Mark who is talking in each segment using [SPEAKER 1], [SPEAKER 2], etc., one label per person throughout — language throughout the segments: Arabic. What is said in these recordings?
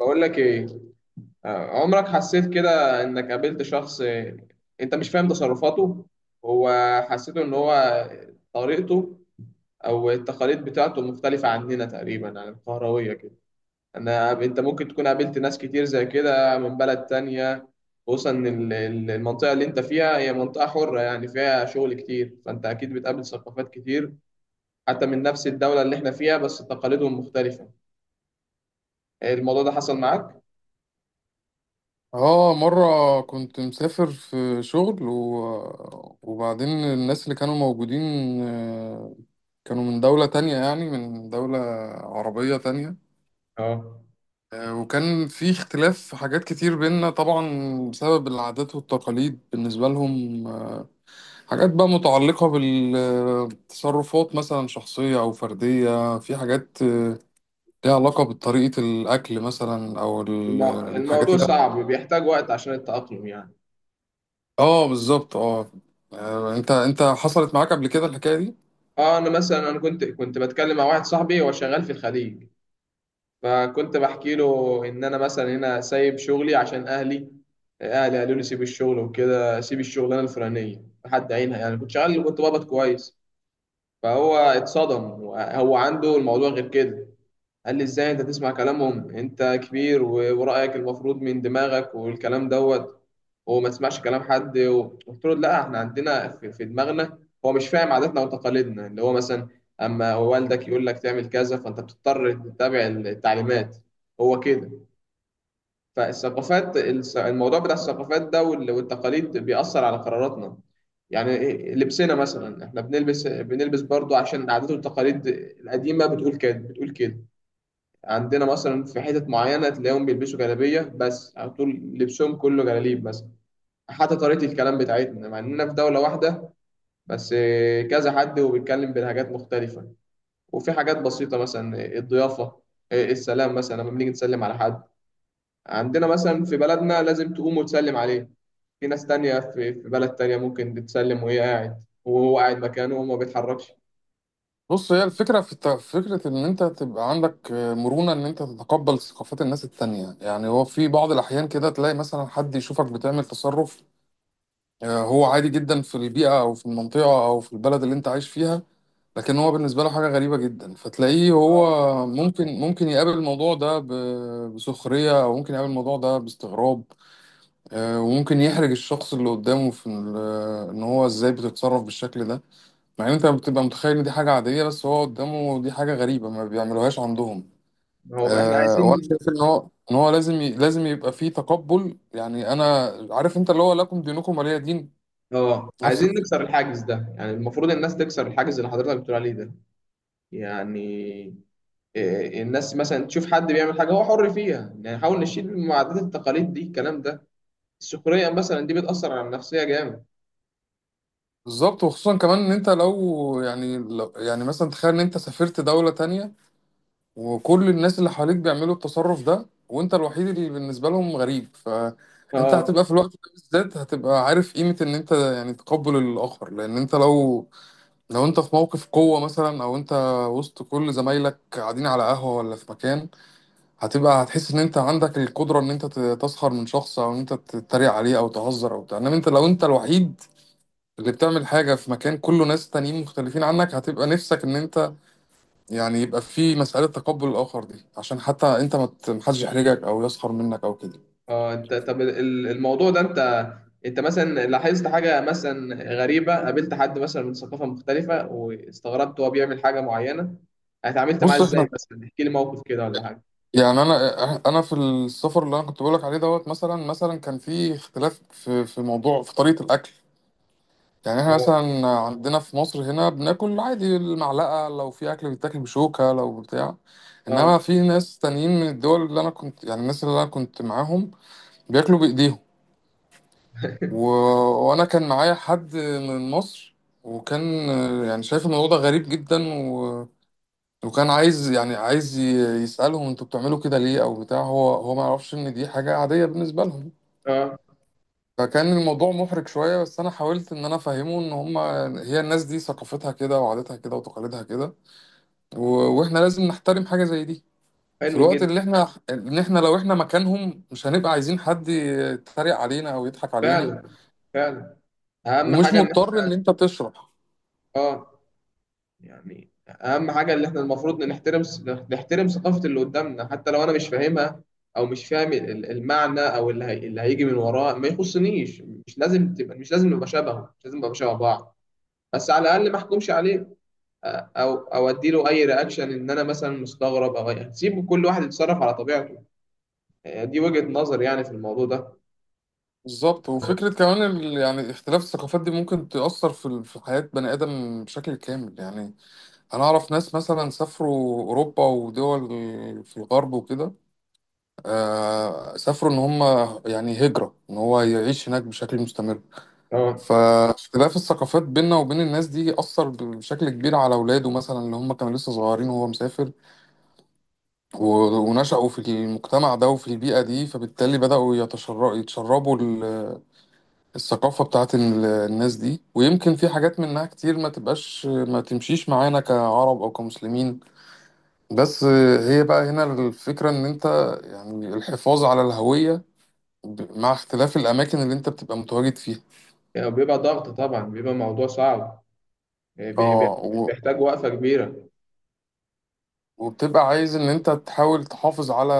[SPEAKER 1] بقول لك ايه. عمرك حسيت كده انك قابلت شخص، انت مش فاهم تصرفاته؟ هو حسيته ان هو طريقته او التقاليد بتاعته مختلفة عننا تقريبا عن القهروية كده. انا انت ممكن تكون قابلت ناس كتير زي كده من بلد تانية، خصوصا إن المنطقة اللي انت فيها هي منطقة حرة، يعني فيها شغل كتير، فانت اكيد بتقابل ثقافات كتير حتى من نفس الدولة اللي احنا فيها بس تقاليدهم مختلفة. الموضوع ده حصل معاك؟
[SPEAKER 2] اه، مرة كنت مسافر في شغل وبعدين الناس اللي كانوا موجودين آه، كانوا من دولة تانية، يعني من دولة عربية تانية.
[SPEAKER 1] اه.
[SPEAKER 2] وكان في اختلاف في حاجات كتير بينا طبعا بسبب العادات والتقاليد بالنسبة لهم. حاجات بقى متعلقة بالتصرفات، مثلا شخصية أو فردية. في حاجات ليها علاقة بطريقة الأكل مثلا أو الحاجات
[SPEAKER 1] الموضوع
[SPEAKER 2] اللي...
[SPEAKER 1] صعب وبيحتاج وقت عشان التأقلم يعني.
[SPEAKER 2] اه، بالظبط، اه. انت حصلت معاك قبل كده الحكايه دي؟
[SPEAKER 1] اه انا مثلا انا كنت بتكلم مع واحد صاحبي، هو شغال في الخليج، فكنت بحكي له ان انا مثلا هنا سايب شغلي عشان اهلي. اهلي قالوا لي سيب الشغل وكده، سيب الشغلانه الفلانيه لحد عينها، يعني كنت شغال كنت بقبض كويس. فهو اتصدم، هو عنده الموضوع غير كده. قال لي ازاي انت تسمع كلامهم، انت كبير ورأيك المفروض من دماغك والكلام دوت، وما تسمعش كلام حد. قلت له لا، احنا عندنا في دماغنا. هو مش فاهم عاداتنا وتقاليدنا، اللي هو مثلا اما والدك يقول لك تعمل كذا فانت بتضطر تتبع التعليمات، هو كده. فالثقافات الموضوع بتاع الثقافات ده والتقاليد بيأثر على قراراتنا. يعني لبسنا مثلا، احنا بنلبس برضو عشان العادات والتقاليد القديمة بتقول كده بتقول كده. عندنا مثلا في حتت معينة تلاقيهم بيلبسوا جلابية بس على طول، لبسهم كله جلاليب مثلا. حتى طريقة الكلام بتاعتنا، مع إننا في دولة واحدة بس، كذا حد وبيتكلم بلهجات مختلفة. وفي حاجات بسيطة مثلا، الضيافة، السلام مثلا لما بنيجي نسلم على حد، عندنا مثلا في بلدنا لازم تقوم وتسلم عليه. في ناس تانية في في بلد تانية ممكن تسلم وهي قاعد، وهو قاعد مكانه وما بيتحركش.
[SPEAKER 2] بص، هي الفكره في فكره ان انت تبقى عندك مرونه، ان انت تتقبل ثقافات الناس التانية. يعني هو في بعض الاحيان كده تلاقي مثلا حد يشوفك بتعمل تصرف هو عادي جدا في البيئه او في المنطقه او في البلد اللي انت عايش فيها، لكن هو بالنسبه له حاجه غريبه جدا. فتلاقيه هو
[SPEAKER 1] آه.
[SPEAKER 2] ممكن يقابل الموضوع ده بسخريه، او ممكن يقابل الموضوع ده باستغراب. وممكن يحرج الشخص اللي قدامه في ان هو ازاي بتتصرف بالشكل ده، مع ان انت بتبقى متخيل ان دي حاجة عادية، بس هو قدامه دي حاجة غريبة ما بيعملوهاش عندهم.
[SPEAKER 1] هو احنا
[SPEAKER 2] أه، وانا
[SPEAKER 1] عايزين،
[SPEAKER 2] شايف ان هو لازم لازم يبقى فيه تقبل. يعني انا عارف انت، اللي هو لكم دينكم ولي دين.
[SPEAKER 1] اه
[SPEAKER 2] نفس
[SPEAKER 1] عايزين نكسر
[SPEAKER 2] الفكرة.
[SPEAKER 1] الحاجز ده. يعني المفروض الناس تكسر الحاجز اللي حضرتك بتقول عليه ده يعني. الناس مثلا تشوف حد بيعمل حاجة هو حر فيها، يعني نحاول نشيل من عادات التقاليد دي الكلام ده. السخرية مثلا دي بتأثر على النفسية جامد.
[SPEAKER 2] بالظبط، وخصوصا كمان ان انت لو، يعني مثلا تخيل ان انت سافرت دولة تانية وكل الناس اللي حواليك بيعملوا التصرف ده وانت الوحيد اللي بالنسبة لهم غريب، فانت
[SPEAKER 1] اه.
[SPEAKER 2] هتبقى في الوقت ده بالذات هتبقى عارف قيمة ان انت يعني تقبل الاخر. لان انت لو انت في موقف قوة مثلا او انت وسط كل زمايلك قاعدين على قهوة ولا في مكان، هتحس ان انت عندك القدرة ان انت تسخر من شخص او ان انت تتريق عليه او تهزر او بتاع. انما انت لو انت الوحيد اللي بتعمل حاجة في مكان كله ناس تانيين مختلفين عنك، هتبقى نفسك ان انت، يعني يبقى في مسألة تقبل الآخر دي عشان حتى أنت ما ت- محدش يحرجك أو يسخر منك أو كده.
[SPEAKER 1] اه انت، طب الموضوع ده، انت انت مثلا لاحظت حاجة مثلا غريبة، قابلت حد مثلا من ثقافة مختلفة واستغربت هو بيعمل حاجة معينة؟ اتعاملت معاه
[SPEAKER 2] بص، إحنا
[SPEAKER 1] ازاي مثلا؟ احكي لي موقف كده ولا حاجة.
[SPEAKER 2] يعني أنا، في السفر اللي أنا كنت بقولك عليه دوت، مثلا كان في اختلاف في موضوع، في طريقة الأكل. يعني إحنا
[SPEAKER 1] اه.
[SPEAKER 2] مثلا عندنا في مصر هنا بناكل عادي المعلقة، لو في أكل بيتاكل بشوكة لو بتاع.
[SPEAKER 1] اه.
[SPEAKER 2] إنما في ناس تانيين من الدول اللي أنا كنت، يعني الناس اللي أنا كنت معاهم بياكلوا بإيديهم. و... وانا كان معايا حد من مصر، وكان يعني شايف الموضوع ده غريب جدا وكان عايز يسألهم انتوا بتعملوا كده ليه او بتاع. هو ما يعرفش ان دي حاجة عادية بالنسبة لهم.
[SPEAKER 1] اه.
[SPEAKER 2] فكان الموضوع محرج شوية، بس انا حاولت ان انا افهمه ان هي الناس دي ثقافتها كده وعاداتها كده وتقاليدها كده. و... واحنا لازم نحترم حاجة زي دي، في
[SPEAKER 1] حلو
[SPEAKER 2] الوقت
[SPEAKER 1] جدا.
[SPEAKER 2] اللي احنا، ان احنا لو احنا مكانهم مش هنبقى عايزين حد يتريق علينا او يضحك علينا.
[SPEAKER 1] فعلا، فعلا. اهم
[SPEAKER 2] ومش
[SPEAKER 1] حاجه ان احنا،
[SPEAKER 2] مضطر ان انت تشرح.
[SPEAKER 1] اه، يعني اهم حاجه اللي احنا المفروض نحترم، نحترم ثقافه اللي قدامنا حتى لو انا مش فاهمها، او مش فاهم المعنى او اللي, اللي هيجي من وراه ما يخصنيش. مش لازم تبقى، مش لازم نبقى شبهه، مش لازم نبقى شبه بعض، بس على الاقل ما احكمش عليه. او او اديله اي رياكشن ان انا مثلا مستغرب، او سيبه كل واحد يتصرف على طبيعته. دي وجهه نظر يعني في الموضوع ده.
[SPEAKER 2] بالظبط، وفكرة كمان يعني اختلاف الثقافات دي ممكن تأثر في في حياة بني آدم بشكل كامل. يعني أنا أعرف ناس مثلا سافروا أوروبا ودول في الغرب وكده. آه، سافروا إن هم يعني هجرة، إن هو يعيش هناك بشكل مستمر.
[SPEAKER 1] اه.
[SPEAKER 2] فاختلاف الثقافات بيننا وبين الناس دي أثر بشكل كبير على أولاده مثلا، اللي هم كانوا لسه صغيرين وهو مسافر. ونشأوا في المجتمع ده وفي البيئة دي، فبالتالي بدأوا يتشربوا الثقافة بتاعت الناس دي. ويمكن في حاجات منها كتير ما تبقاش، ما تمشيش معانا كعرب أو كمسلمين. بس هي بقى هنا الفكرة، إن أنت، يعني الحفاظ على الهوية مع اختلاف الأماكن اللي أنت بتبقى متواجد فيها.
[SPEAKER 1] بيبقى ضغط طبعا، بيبقى موضوع صعب. آه، بي-
[SPEAKER 2] اه،
[SPEAKER 1] بي- بيحتاج وقفه كبيره.
[SPEAKER 2] وبتبقى عايز إن أنت تحاول تحافظ على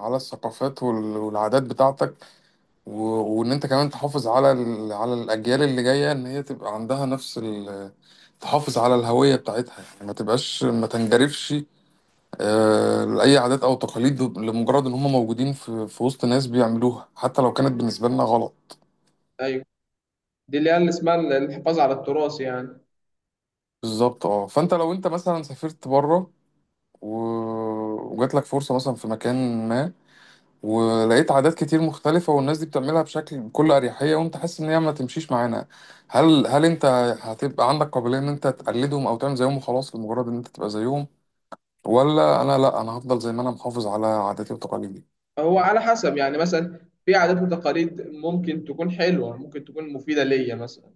[SPEAKER 2] على الثقافات والعادات بتاعتك. وان انت كمان تحافظ على على الاجيال اللي جايه، ان هي تبقى عندها نفس تحافظ على الهويه بتاعتها. يعني ما تنجرفش لاي عادات او تقاليد لمجرد ان هم موجودين في وسط ناس بيعملوها، حتى لو كانت بالنسبه لنا غلط.
[SPEAKER 1] ايوه. دي اللي هي اللي اسمها الحفاظ على التراث يعني.
[SPEAKER 2] بالظبط، اه. فانت لو انت مثلا سافرت بره و... وجات لك فرصه مثلا في مكان ما، ولقيت عادات كتير مختلفة والناس دي بتعملها بشكل بكل أريحية، وأنت حاسس إن هي ما تمشيش معانا، هل أنت هتبقى عندك قابلية إن أنت تقلدهم أو تعمل زيهم وخلاص لمجرد إن أنت تبقى زيهم؟ ولا أنا لأ، أنا هفضل زي ما أنا محافظ على عاداتي وتقاليدي.
[SPEAKER 1] هو على حسب يعني. مثلا في عادات وتقاليد ممكن تكون حلوه، ممكن تكون مفيده ليا مثلا.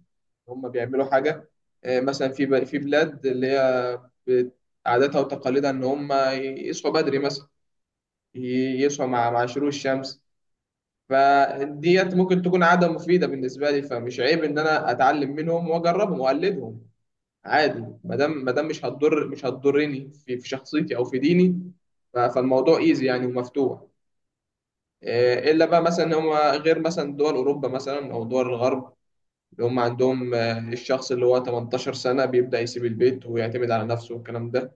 [SPEAKER 1] هم بيعملوا حاجه، مثلا في في بلاد اللي هي بت- عاداتها وتقاليدها ان هم يصحوا بدري مثلا، يصحوا مع شروق الشمس. فديت ممكن تكون عاده مفيده بالنسبه لي، فمش عيب ان انا اتعلم منهم واجربهم واقلدهم عادي، ما دام مش هتضر، مش هتضرني في شخصيتي او في ديني. فالموضوع ايزي يعني ومفتوح. الا بقى مثلا هم غير مثلا دول اوروبا مثلا او دول الغرب، اللي هم عندهم، الشخص اللي هو 18 سنة سنه بيبدا يسيب البيت ويعتمد على نفسه والكلام ده.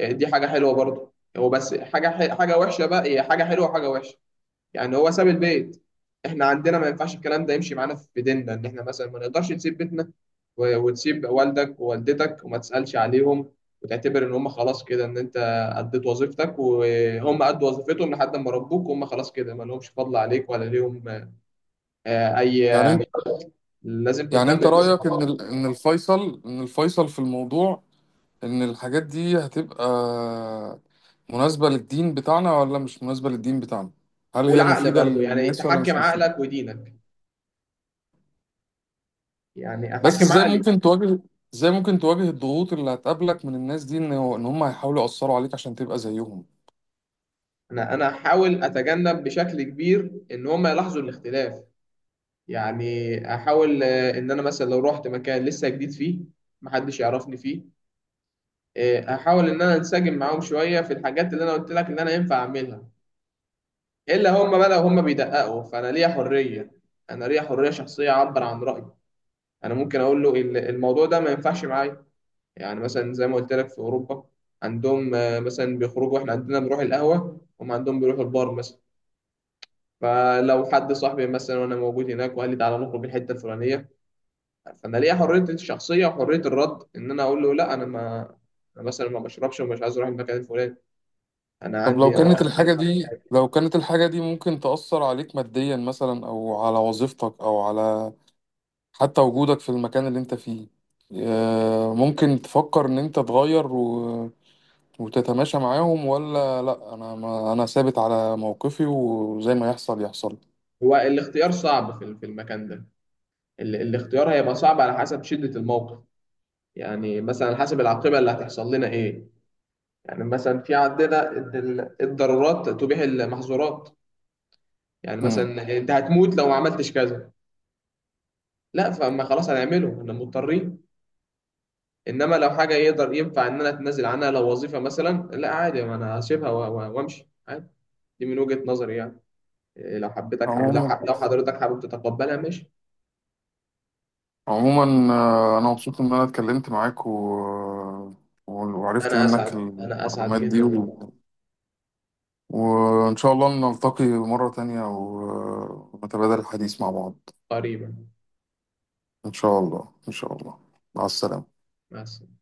[SPEAKER 1] دي حاجه حلوه برضه هو، بس حاجه حاجه وحشه بقى، هي حاجه حلوه وحاجه وحشه. يعني هو ساب البيت. احنا عندنا ما ينفعش الكلام ده يمشي معانا في ديننا، ان احنا مثلا ما نقدرش نسيب بيتنا وتسيب والدك ووالدتك وما تسألش عليهم، وتعتبر ان هم خلاص كده ان انت اديت وظيفتك وهم ادوا وظيفتهم لحد ما ربوك وهم خلاص كده ما لهمش فضل عليك ولا ليهم. اي
[SPEAKER 2] يعني أنت
[SPEAKER 1] لازم
[SPEAKER 2] يعني
[SPEAKER 1] تهتم
[SPEAKER 2] أنت
[SPEAKER 1] بيهم.
[SPEAKER 2] رأيك إن إن الفيصل، في الموضوع، إن الحاجات دي هتبقى مناسبة للدين بتاعنا ولا مش مناسبة للدين بتاعنا؟ هل هي
[SPEAKER 1] والعقل
[SPEAKER 2] مفيدة
[SPEAKER 1] برضو، يعني
[SPEAKER 2] للناس ولا
[SPEAKER 1] تحكم
[SPEAKER 2] مش مفيدة؟
[SPEAKER 1] عقلك ودينك، يعني
[SPEAKER 2] بس
[SPEAKER 1] احكم عقلي.
[SPEAKER 2] ازاي ممكن تواجه الضغوط اللي هتقابلك من الناس دي، ان هم هيحاولوا يأثروا عليك عشان تبقى زيهم؟
[SPEAKER 1] انا، انا احاول اتجنب بشكل كبير ان هم يلاحظوا الاختلاف. يعني احاول، ان انا مثلا لو رحت مكان لسه جديد فيه محدش يعرفني فيه، احاول ان انا انسجم معاهم شويه في الحاجات اللي انا قلت لك ان انا ينفع اعملها. الا هم بقى لو هم بيدققوا، فانا ليا حريه، انا ليا حريه شخصيه اعبر عن رايي. انا ممكن اقول له الموضوع ده ما ينفعش معايا. يعني مثلا زي ما قلت لك في اوروبا، عندهم، مثلا بيخرجوا، احنا عندنا بنروح القهوه، هم عندهم بيروحوا البار مثلا. فلو حد صاحبي مثلا وانا موجود هناك وقال لي تعالى نخرج الحته الفلانيه، فانا ليا حريه الشخصيه وحريه الرد ان انا اقول له لا، انا ما، أنا مثلا ما بشربش ومش عايز اروح المكان الفلاني. انا
[SPEAKER 2] طب، لو
[SPEAKER 1] عندي، انا طبعا،
[SPEAKER 2] كانت
[SPEAKER 1] أنا طبعا.
[SPEAKER 2] الحاجة
[SPEAKER 1] بحب
[SPEAKER 2] دي،
[SPEAKER 1] يعني.
[SPEAKER 2] ممكن تأثر عليك ماديا مثلا، او على وظيفتك، او على حتى وجودك في المكان اللي انت فيه، ممكن تفكر ان انت تغير وتتماشى معاهم؟ ولا لا، انا ما انا ثابت على موقفي وزي ما يحصل يحصل.
[SPEAKER 1] هو الاختيار صعب في في المكان ده. الاختيار هيبقى صعب على حسب شده الموقف. يعني مثلا على حسب العاقبه اللي هتحصل لنا ايه. يعني مثلا في عندنا إن الضرورات تبيح المحظورات. يعني
[SPEAKER 2] امم.
[SPEAKER 1] مثلا انت هتموت لو ما عملتش كذا، لا فما خلاص هنعمله، احنا مضطرين. انما لو حاجه يقدر ينفع ان انا اتنازل عنها، لو وظيفه مثلا، لا عادي ما انا هسيبها وامشي عادي. دي من وجهه نظري يعني. لو حبيتك
[SPEAKER 2] عموما،
[SPEAKER 1] لو حضرتك حابب تتقبلها ماشي.
[SPEAKER 2] انا مبسوط ان انا اتكلمت معاك وعرفت
[SPEAKER 1] انا
[SPEAKER 2] منك
[SPEAKER 1] اسعد، انا اسعد
[SPEAKER 2] المعلومات دي
[SPEAKER 1] جدا والله.
[SPEAKER 2] وان شاء الله نلتقي مرة تانية ونتبادل الحديث مع بعض.
[SPEAKER 1] قريبا.
[SPEAKER 2] ان شاء الله، ان شاء الله. مع السلامة.
[SPEAKER 1] مع السلامه.